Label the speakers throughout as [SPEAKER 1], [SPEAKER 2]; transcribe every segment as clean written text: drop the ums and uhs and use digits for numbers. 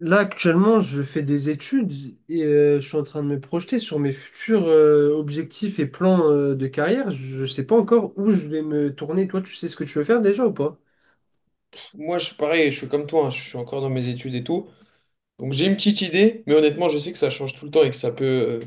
[SPEAKER 1] Là, actuellement, je fais des études et je suis en train de me projeter sur mes futurs objectifs et plans de carrière. Je ne sais pas encore où je vais me tourner. Toi, tu sais ce que tu veux faire déjà ou pas?
[SPEAKER 2] Moi, je suis pareil, je suis comme toi, hein, je suis encore dans mes études et tout. Donc j'ai une petite idée, mais honnêtement, je sais que ça change tout le temps et que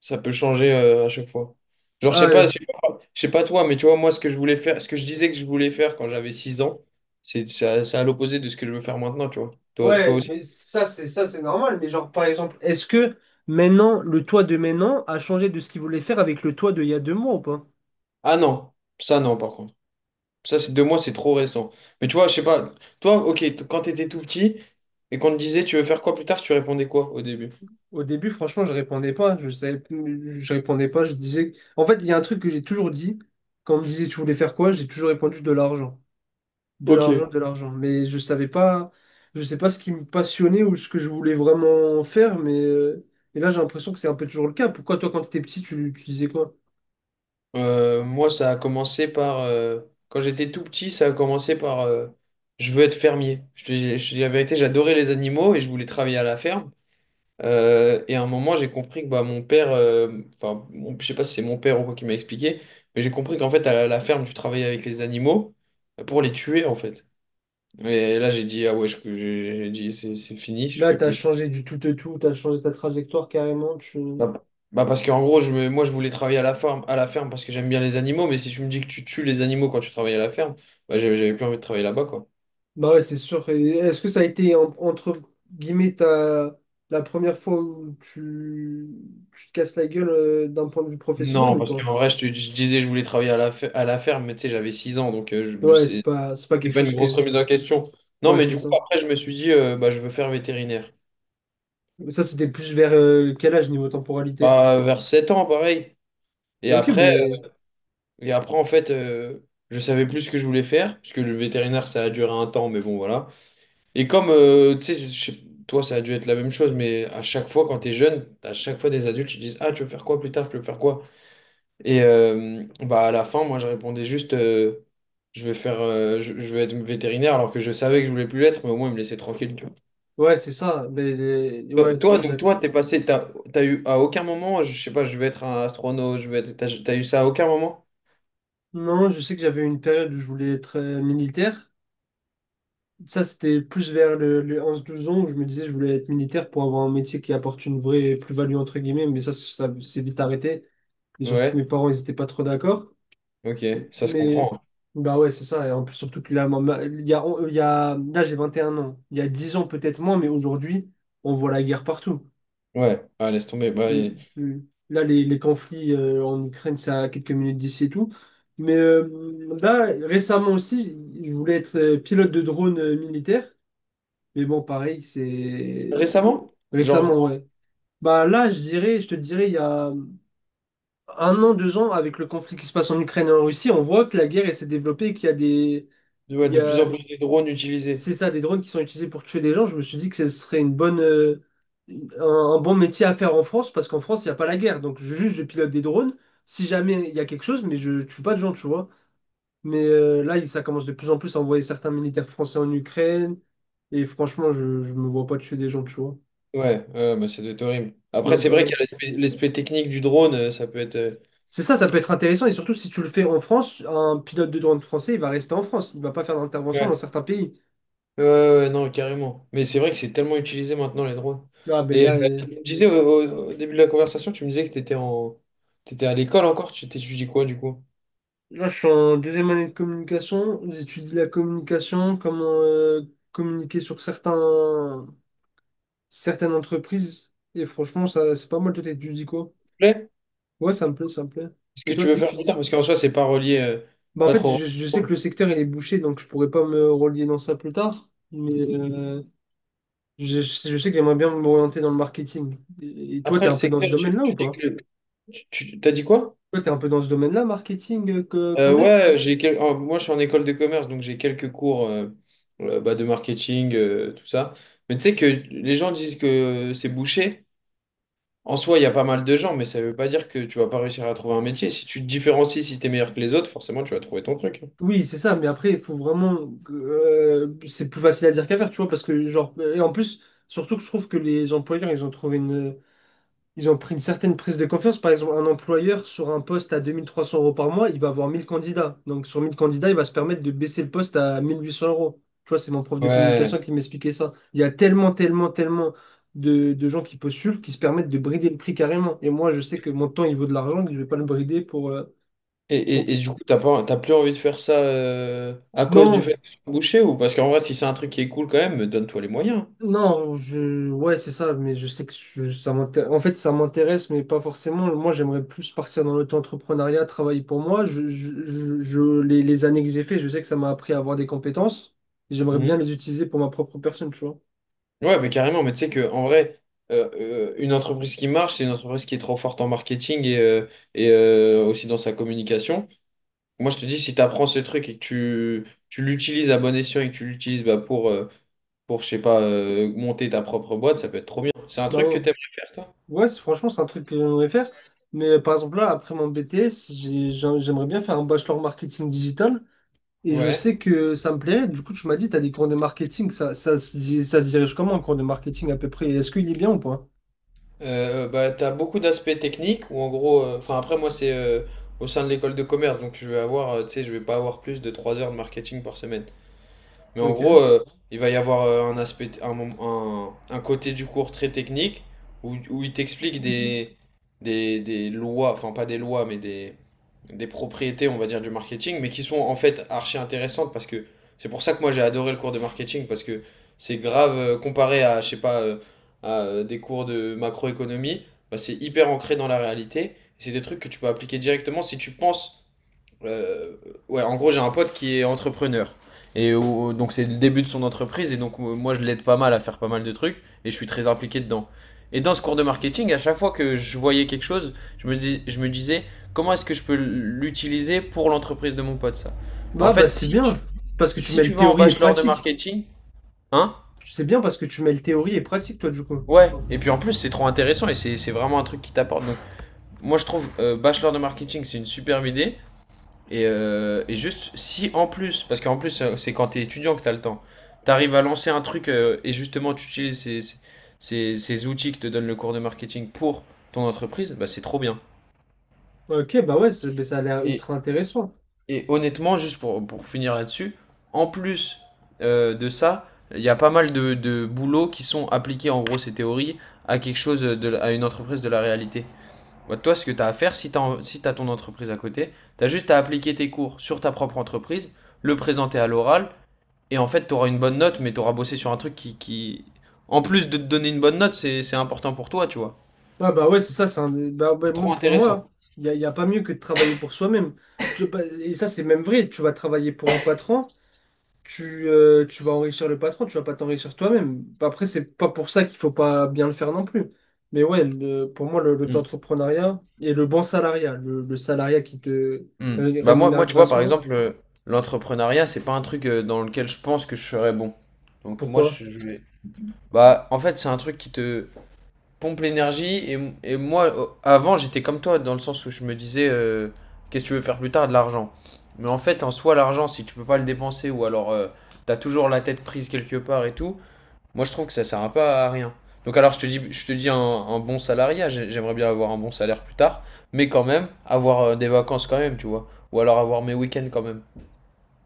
[SPEAKER 2] ça peut changer à chaque fois. Genre, je sais pas, je
[SPEAKER 1] Ah,
[SPEAKER 2] sais pas, je sais pas toi, mais tu vois, moi, ce que je voulais faire, ce que je disais que je voulais faire quand j'avais 6 ans, c'est à l'opposé de ce que je veux faire maintenant, tu vois. Toi, toi
[SPEAKER 1] ouais,
[SPEAKER 2] aussi.
[SPEAKER 1] mais ça, c'est normal. Mais genre, par exemple, est-ce que maintenant, le toi de maintenant a changé de ce qu'il voulait faire avec le toi de il y a 2 mois ou pas?
[SPEAKER 2] Ah non, ça non, par contre. Ça, c'est deux mois, c'est trop récent. Mais tu vois, je sais pas, toi, ok, quand t'étais tout petit et qu'on te disait tu veux faire quoi plus tard, tu répondais quoi au début?
[SPEAKER 1] Au début, franchement, je répondais pas. Je savais, je répondais pas. Je disais. En fait, il y a un truc que j'ai toujours dit. Quand on me disait, tu voulais faire quoi? J'ai toujours répondu de l'argent. De
[SPEAKER 2] Ok.
[SPEAKER 1] l'argent, de l'argent. Mais je savais pas, je sais pas ce qui me passionnait ou ce que je voulais vraiment faire, mais et là j'ai l'impression que c'est un peu toujours le cas. Pourquoi toi quand t'étais petit, tu disais quoi?
[SPEAKER 2] Moi, ça a commencé par... quand j'étais tout petit, ça a commencé par... je veux être fermier. Je te dis je te dis la vérité, j'adorais les animaux et je voulais travailler à la ferme. Et à un moment, j'ai compris que mon père... Enfin, je sais pas si c'est mon père ou quoi qui m'a expliqué, mais j'ai compris qu'en fait, à la ferme, tu travaillais avec les animaux pour les tuer, en fait. Et là, j'ai dit, ah ouais, j'ai dit, c'est fini, je
[SPEAKER 1] Là,
[SPEAKER 2] fais
[SPEAKER 1] t'as
[SPEAKER 2] plus.
[SPEAKER 1] changé du tout de tout, t'as changé ta trajectoire carrément. Tu...
[SPEAKER 2] Bah, bah parce qu'en gros, moi, je voulais travailler à la ferme parce que j'aime bien les animaux, mais si tu me dis que tu tues les animaux quand tu travailles à la ferme, bah, j'avais plus envie de travailler là-bas, quoi.
[SPEAKER 1] Bah ouais, c'est sûr. Et est-ce que ça a été entre guillemets ta la première fois où tu te casses la gueule d'un point de vue professionnel
[SPEAKER 2] Non,
[SPEAKER 1] ou
[SPEAKER 2] parce
[SPEAKER 1] pas?
[SPEAKER 2] qu'en vrai, je disais que je voulais travailler à à la ferme, mais tu sais, j'avais 6 ans, donc
[SPEAKER 1] Ouais, c'est pas c'est pas
[SPEAKER 2] c'est
[SPEAKER 1] quelque
[SPEAKER 2] pas une
[SPEAKER 1] chose
[SPEAKER 2] grosse
[SPEAKER 1] que.
[SPEAKER 2] remise en question. Non,
[SPEAKER 1] Ouais,
[SPEAKER 2] mais
[SPEAKER 1] c'est
[SPEAKER 2] du coup,
[SPEAKER 1] ça.
[SPEAKER 2] après, je me suis dit, bah, je veux faire vétérinaire.
[SPEAKER 1] Ça, c'était plus vers quel âge niveau temporalité?
[SPEAKER 2] Bah, vers 7 ans, pareil. Et
[SPEAKER 1] Ok,
[SPEAKER 2] après, euh,
[SPEAKER 1] mais.
[SPEAKER 2] et après en fait, je savais plus ce que je voulais faire, parce que le vétérinaire, ça a duré un temps, mais bon, voilà. Et comme, tu sais, toi, ça a dû être la même chose, mais à chaque fois, quand tu es jeune, à chaque fois, des adultes, ils disent, ah, tu veux faire quoi plus tard? Tu veux faire quoi? Et bah, à la fin, moi, je répondais juste, je vais faire, je vais être vétérinaire, alors que je savais que je voulais plus l'être, mais au moins, ils me laissaient tranquille, tu vois.
[SPEAKER 1] Ouais, c'est ça. Mais,
[SPEAKER 2] Toi,
[SPEAKER 1] ouais, je
[SPEAKER 2] toi,
[SPEAKER 1] suis
[SPEAKER 2] donc,
[SPEAKER 1] d'accord.
[SPEAKER 2] toi, t'as eu à aucun moment, je sais pas, je vais être un astronaute, je vais être, t'as eu ça à aucun moment?
[SPEAKER 1] Non, je sais que j'avais une période où je voulais être militaire. Ça, c'était plus vers les 11-12 ans où je me disais je voulais être militaire pour avoir un métier qui apporte une vraie plus-value, entre guillemets. Mais ça c'est vite arrêté. Et surtout que
[SPEAKER 2] Ouais,
[SPEAKER 1] mes parents, ils étaient pas trop d'accord.
[SPEAKER 2] ok, ça se
[SPEAKER 1] Mais,
[SPEAKER 2] comprend.
[SPEAKER 1] bah ouais, c'est ça. Et en plus, surtout que là, il y a, on- il y a, là, j'ai 21 ans. Il y a 10 ans, peut-être moins, mais aujourd'hui, on voit la guerre partout.
[SPEAKER 2] Hein. Ouais, ah, laisse tomber. Bah,
[SPEAKER 1] Mm,
[SPEAKER 2] et-
[SPEAKER 1] mm. Là, les conflits en Ukraine, c'est à quelques minutes d'ici et tout. Mais là, récemment aussi, je voulais être pilote de drone militaire. Mais bon, pareil, c'est
[SPEAKER 2] Récemment?
[SPEAKER 1] récemment,
[SPEAKER 2] Genre,
[SPEAKER 1] ouais. Bah là, je dirais, je te dirais, il y a 1 an, 2 ans, avec le conflit qui se passe en Ukraine et en Russie, on voit que la guerre, elle s'est développée, qu'
[SPEAKER 2] ouais,
[SPEAKER 1] il y
[SPEAKER 2] de plus
[SPEAKER 1] a
[SPEAKER 2] en plus de drones utilisés.
[SPEAKER 1] c'est ça, des drones qui sont utilisés pour tuer des gens, je me suis dit que ce serait une bonne, un bon métier à faire en France, parce qu'en France, il n'y a pas la guerre. Donc, juste, je pilote des drones, si jamais il y a quelque chose, mais je tue pas de gens, tu vois. Mais là, ça commence de plus en plus à envoyer certains militaires français en Ukraine, et franchement, je me vois pas tuer des gens, tu vois.
[SPEAKER 2] Ouais, ouais, ouais, bah, ça doit être horrible. Après,
[SPEAKER 1] Même
[SPEAKER 2] c'est vrai
[SPEAKER 1] pas.
[SPEAKER 2] qu'il y a l'aspect technique du drone, ça peut être.
[SPEAKER 1] C'est ça, ça peut être intéressant, et surtout si tu le fais en France, un pilote de drone français, il va rester en France, il va pas faire d'intervention dans
[SPEAKER 2] Ouais.
[SPEAKER 1] certains pays.
[SPEAKER 2] Ouais, ouais, non, carrément. Mais c'est vrai que c'est tellement utilisé maintenant, les drones.
[SPEAKER 1] Ah, ben
[SPEAKER 2] Et
[SPEAKER 1] là.
[SPEAKER 2] tu me disais au début de la conversation, tu me disais que tu étais en... t'étais à l'école encore, tu t'étudies quoi du coup?
[SPEAKER 1] Là, je suis en deuxième année de communication. J'étudie la communication, comment communiquer sur certaines entreprises. Et franchement, ça, c'est pas mal. Toi, t'étudies quoi?
[SPEAKER 2] S'il te plaît.
[SPEAKER 1] Ouais, ça me plaît, ça me plaît.
[SPEAKER 2] Ce
[SPEAKER 1] Et
[SPEAKER 2] que
[SPEAKER 1] toi,
[SPEAKER 2] tu veux faire plus tard,
[SPEAKER 1] t'étudies?
[SPEAKER 2] parce qu'en soi, c'est pas relié,
[SPEAKER 1] Bah, en
[SPEAKER 2] pas
[SPEAKER 1] fait,
[SPEAKER 2] trop.
[SPEAKER 1] je sais que le secteur, il est bouché, donc je pourrais pas me relier dans ça plus tard. Mais je sais que j'aimerais bien m'orienter dans le marketing. Et toi,
[SPEAKER 2] Après,
[SPEAKER 1] t'es
[SPEAKER 2] le
[SPEAKER 1] un peu dans
[SPEAKER 2] secteur,
[SPEAKER 1] ce domaine-là
[SPEAKER 2] tu
[SPEAKER 1] ou
[SPEAKER 2] dis
[SPEAKER 1] pas?
[SPEAKER 2] que. T'as dit quoi?
[SPEAKER 1] Toi, t'es un peu dans ce domaine-là, marketing, commerce?
[SPEAKER 2] Ouais, moi je suis en école de commerce, donc j'ai quelques cours bah, de marketing, tout ça. Mais tu sais que les gens disent que c'est bouché. En soi, il y a pas mal de gens, mais ça veut pas dire que tu vas pas réussir à trouver un métier. Si tu te différencies, si tu es meilleur que les autres, forcément tu vas trouver ton truc.
[SPEAKER 1] Oui, c'est ça, mais après, il faut vraiment. Que, c'est plus facile à dire qu'à faire, tu vois, parce que, genre. Et en plus, surtout que je trouve que les employeurs, ils ont trouvé une. Ils ont pris une certaine prise de confiance. Par exemple, un employeur sur un poste à 2 300 euros par mois, il va avoir 1 000 candidats. Donc, sur 1 000 candidats, il va se permettre de baisser le poste à 1 800 euros. Tu vois, c'est mon prof de communication
[SPEAKER 2] Ouais.
[SPEAKER 1] qui m'expliquait ça. Il y a tellement, tellement, tellement de gens qui postulent qui se permettent de brider le prix carrément. Et moi, je sais que mon temps, il vaut de l'argent, que je vais pas le brider pour.
[SPEAKER 2] Et, et,
[SPEAKER 1] Pour...
[SPEAKER 2] et du coup, t'as pas, t'as plus envie de faire ça à cause du
[SPEAKER 1] Non,
[SPEAKER 2] fait que tu es bouché ou parce qu'en vrai, si c'est un truc qui est cool quand même, donne-toi les moyens.
[SPEAKER 1] non, ouais, c'est ça, mais je sais que ça m'intéresse. En fait, ça m'intéresse, mais pas forcément. Moi, j'aimerais plus partir dans l'auto-entrepreneuriat, travailler pour moi. Les années que j'ai fait, je sais que ça m'a appris à avoir des compétences. J'aimerais bien les utiliser pour ma propre personne, tu vois.
[SPEAKER 2] Ouais, mais carrément, mais tu sais que en vrai, une entreprise qui marche, c'est une entreprise qui est trop forte en marketing et aussi dans sa communication. Moi, je te dis, si tu apprends ce truc et tu l'utilises à bon escient et que tu l'utilises bah, pour, je sais pas, monter ta propre boîte, ça peut être trop bien. C'est un
[SPEAKER 1] Bah
[SPEAKER 2] truc que
[SPEAKER 1] ouais,
[SPEAKER 2] tu aimerais faire, toi?
[SPEAKER 1] ouais, franchement, c'est un truc que j'aimerais faire. Mais par exemple, là, après mon BTS, j'aimerais bien faire un bachelor marketing digital. Et je
[SPEAKER 2] Ouais.
[SPEAKER 1] sais que ça me plairait. Du coup, tu m'as dit, tu as des cours de marketing. Ça se dirige comment, un cours de marketing à peu près? Est-ce qu'il est bien ou pas?
[SPEAKER 2] Bah, tu as beaucoup d'aspects techniques où, en gros, enfin, après, moi, c'est au sein de l'école de commerce, donc je vais avoir, tu sais, je vais pas avoir plus de 3 heures de marketing par semaine. Mais en gros,
[SPEAKER 1] Ok.
[SPEAKER 2] il va y avoir un aspect, un côté du cours très technique où, où il t'explique des lois, enfin pas des lois, mais des propriétés, on va dire, du marketing, mais qui sont en fait archi intéressantes parce que c'est pour ça que moi j'ai adoré le cours de marketing parce que c'est grave comparé à, je sais pas, à des cours de macroéconomie, bah, c'est hyper ancré dans la réalité. C'est des trucs que tu peux appliquer directement si tu penses euh, ouais, en gros, j'ai un pote qui est entrepreneur. Donc, c'est le début de son entreprise. Et donc, moi, je l'aide pas mal à faire pas mal de trucs. Et je suis très impliqué dedans. Et dans ce cours de marketing, à chaque fois que je voyais quelque chose, je me disais, comment est-ce que je peux l'utiliser pour l'entreprise de mon pote, ça?
[SPEAKER 1] Bah,
[SPEAKER 2] En
[SPEAKER 1] bah,
[SPEAKER 2] fait,
[SPEAKER 1] c'est
[SPEAKER 2] si
[SPEAKER 1] bien.
[SPEAKER 2] tu,
[SPEAKER 1] Parce que tu
[SPEAKER 2] si tu
[SPEAKER 1] mêles
[SPEAKER 2] vas en
[SPEAKER 1] théorie et
[SPEAKER 2] bachelor de
[SPEAKER 1] pratique.
[SPEAKER 2] marketing, hein?
[SPEAKER 1] C'est bien parce que tu mêles théorie et pratique, toi, du coup.
[SPEAKER 2] Ouais. Et puis en plus, c'est trop intéressant et c'est vraiment un truc qui t'apporte. Donc, moi, je trouve bachelor de marketing, c'est une superbe idée. Et juste, si en plus, parce qu'en plus, c'est quand t'es étudiant que t'as le temps, t'arrives à lancer un truc et justement tu utilises ces outils que te donne le cours de marketing pour ton entreprise, bah c'est trop bien.
[SPEAKER 1] Ok, bah ouais, bah, ça a l'air
[SPEAKER 2] Et,
[SPEAKER 1] ultra intéressant.
[SPEAKER 2] et honnêtement, juste pour finir là-dessus, en plus de ça, il y a pas mal de boulots qui sont appliqués en gros ces théories à quelque chose, à une entreprise de la réalité. Bah, toi, ce que t'as à faire, si t'as ton entreprise à côté, t'as juste à appliquer tes cours sur ta propre entreprise, le présenter à l'oral. Et en fait, tu auras une bonne note, mais tu auras bossé sur un truc en plus de te donner une bonne note, c'est important pour toi, tu vois.
[SPEAKER 1] Ah, bah ouais, c'est ça. Bah, ouais,
[SPEAKER 2] Trop
[SPEAKER 1] moi, pour moi,
[SPEAKER 2] intéressant.
[SPEAKER 1] y a pas mieux que de travailler pour soi-même. Et ça, c'est même vrai. Tu vas travailler pour un patron. Tu vas enrichir le patron, tu vas pas t'enrichir toi-même. Après, c'est pas pour ça qu'il faut pas bien le faire non plus. Mais ouais, pour moi,
[SPEAKER 2] Mm.
[SPEAKER 1] l'auto-entrepreneuriat et le bon salariat, le salariat qui te
[SPEAKER 2] Mm. Bah moi,
[SPEAKER 1] rémunère
[SPEAKER 2] moi, tu vois, par
[SPEAKER 1] grassement,
[SPEAKER 2] exemple, l'entrepreneuriat, c'est pas un truc dans lequel je pense que je serais bon. Donc moi,
[SPEAKER 1] pourquoi?
[SPEAKER 2] je vais... Bah, en fait, c'est un truc qui te pompe l'énergie. Et moi, avant, j'étais comme toi, dans le sens où je me disais, qu'est-ce que tu veux faire plus tard de l'argent? Mais en fait, en soi, l'argent, si tu peux pas le dépenser, ou alors tu t'as toujours la tête prise quelque part et tout, moi, je trouve que ça sert un peu à rien. Donc alors, je te dis un bon salariat, j'aimerais bien avoir un bon salaire plus tard, mais quand même, avoir des vacances quand même, tu vois. Ou alors avoir mes week-ends quand même.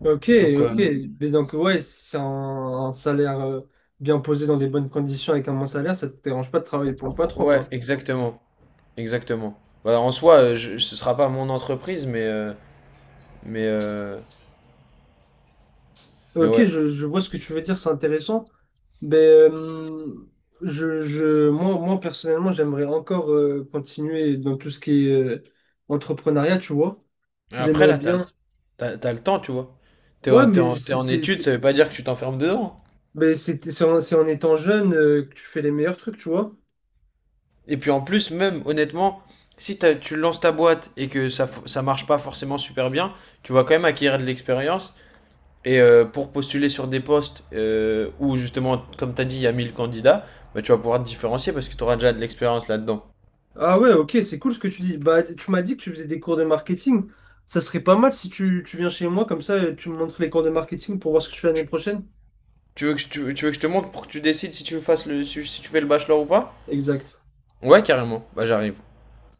[SPEAKER 1] Ok,
[SPEAKER 2] Donc,
[SPEAKER 1] ok. Mais donc, ouais, si c'est un salaire bien posé dans des bonnes conditions avec un bon salaire, ça te dérange pas de travailler pour le patron,
[SPEAKER 2] ouais,
[SPEAKER 1] quoi.
[SPEAKER 2] exactement. Exactement. Bah, en soi, ce sera pas mon entreprise, mais, euh, mais
[SPEAKER 1] Ok,
[SPEAKER 2] ouais.
[SPEAKER 1] je vois ce que tu veux dire, c'est intéressant. Mais moi, moi, personnellement, j'aimerais encore continuer dans tout ce qui est entrepreneuriat, tu vois.
[SPEAKER 2] Après,
[SPEAKER 1] J'aimerais
[SPEAKER 2] là,
[SPEAKER 1] bien.
[SPEAKER 2] t'as le temps, tu vois.
[SPEAKER 1] Ouais, mais
[SPEAKER 2] T'es en études, ça veut pas dire que tu t'enfermes dedans.
[SPEAKER 1] c'est en étant jeune que tu fais les meilleurs trucs, tu vois.
[SPEAKER 2] Et puis en plus, même honnêtement, si tu lances ta boîte et que ça marche pas forcément super bien, tu vas quand même acquérir de l'expérience. Et pour postuler sur des postes où justement, comme t'as dit, il y a 1000 candidats, bah, tu vas pouvoir te différencier parce que tu auras déjà de l'expérience là-dedans.
[SPEAKER 1] Ah ouais, ok, c'est cool ce que tu dis. Bah, tu m'as dit que tu faisais des cours de marketing. Ça serait pas mal si tu viens chez moi, comme ça, tu me montres les cours de marketing pour voir ce que tu fais l'année prochaine.
[SPEAKER 2] Tu veux que je te montre pour que tu décides si, si tu fais le bachelor ou pas.
[SPEAKER 1] Exact.
[SPEAKER 2] Ouais, carrément. Bah j'arrive.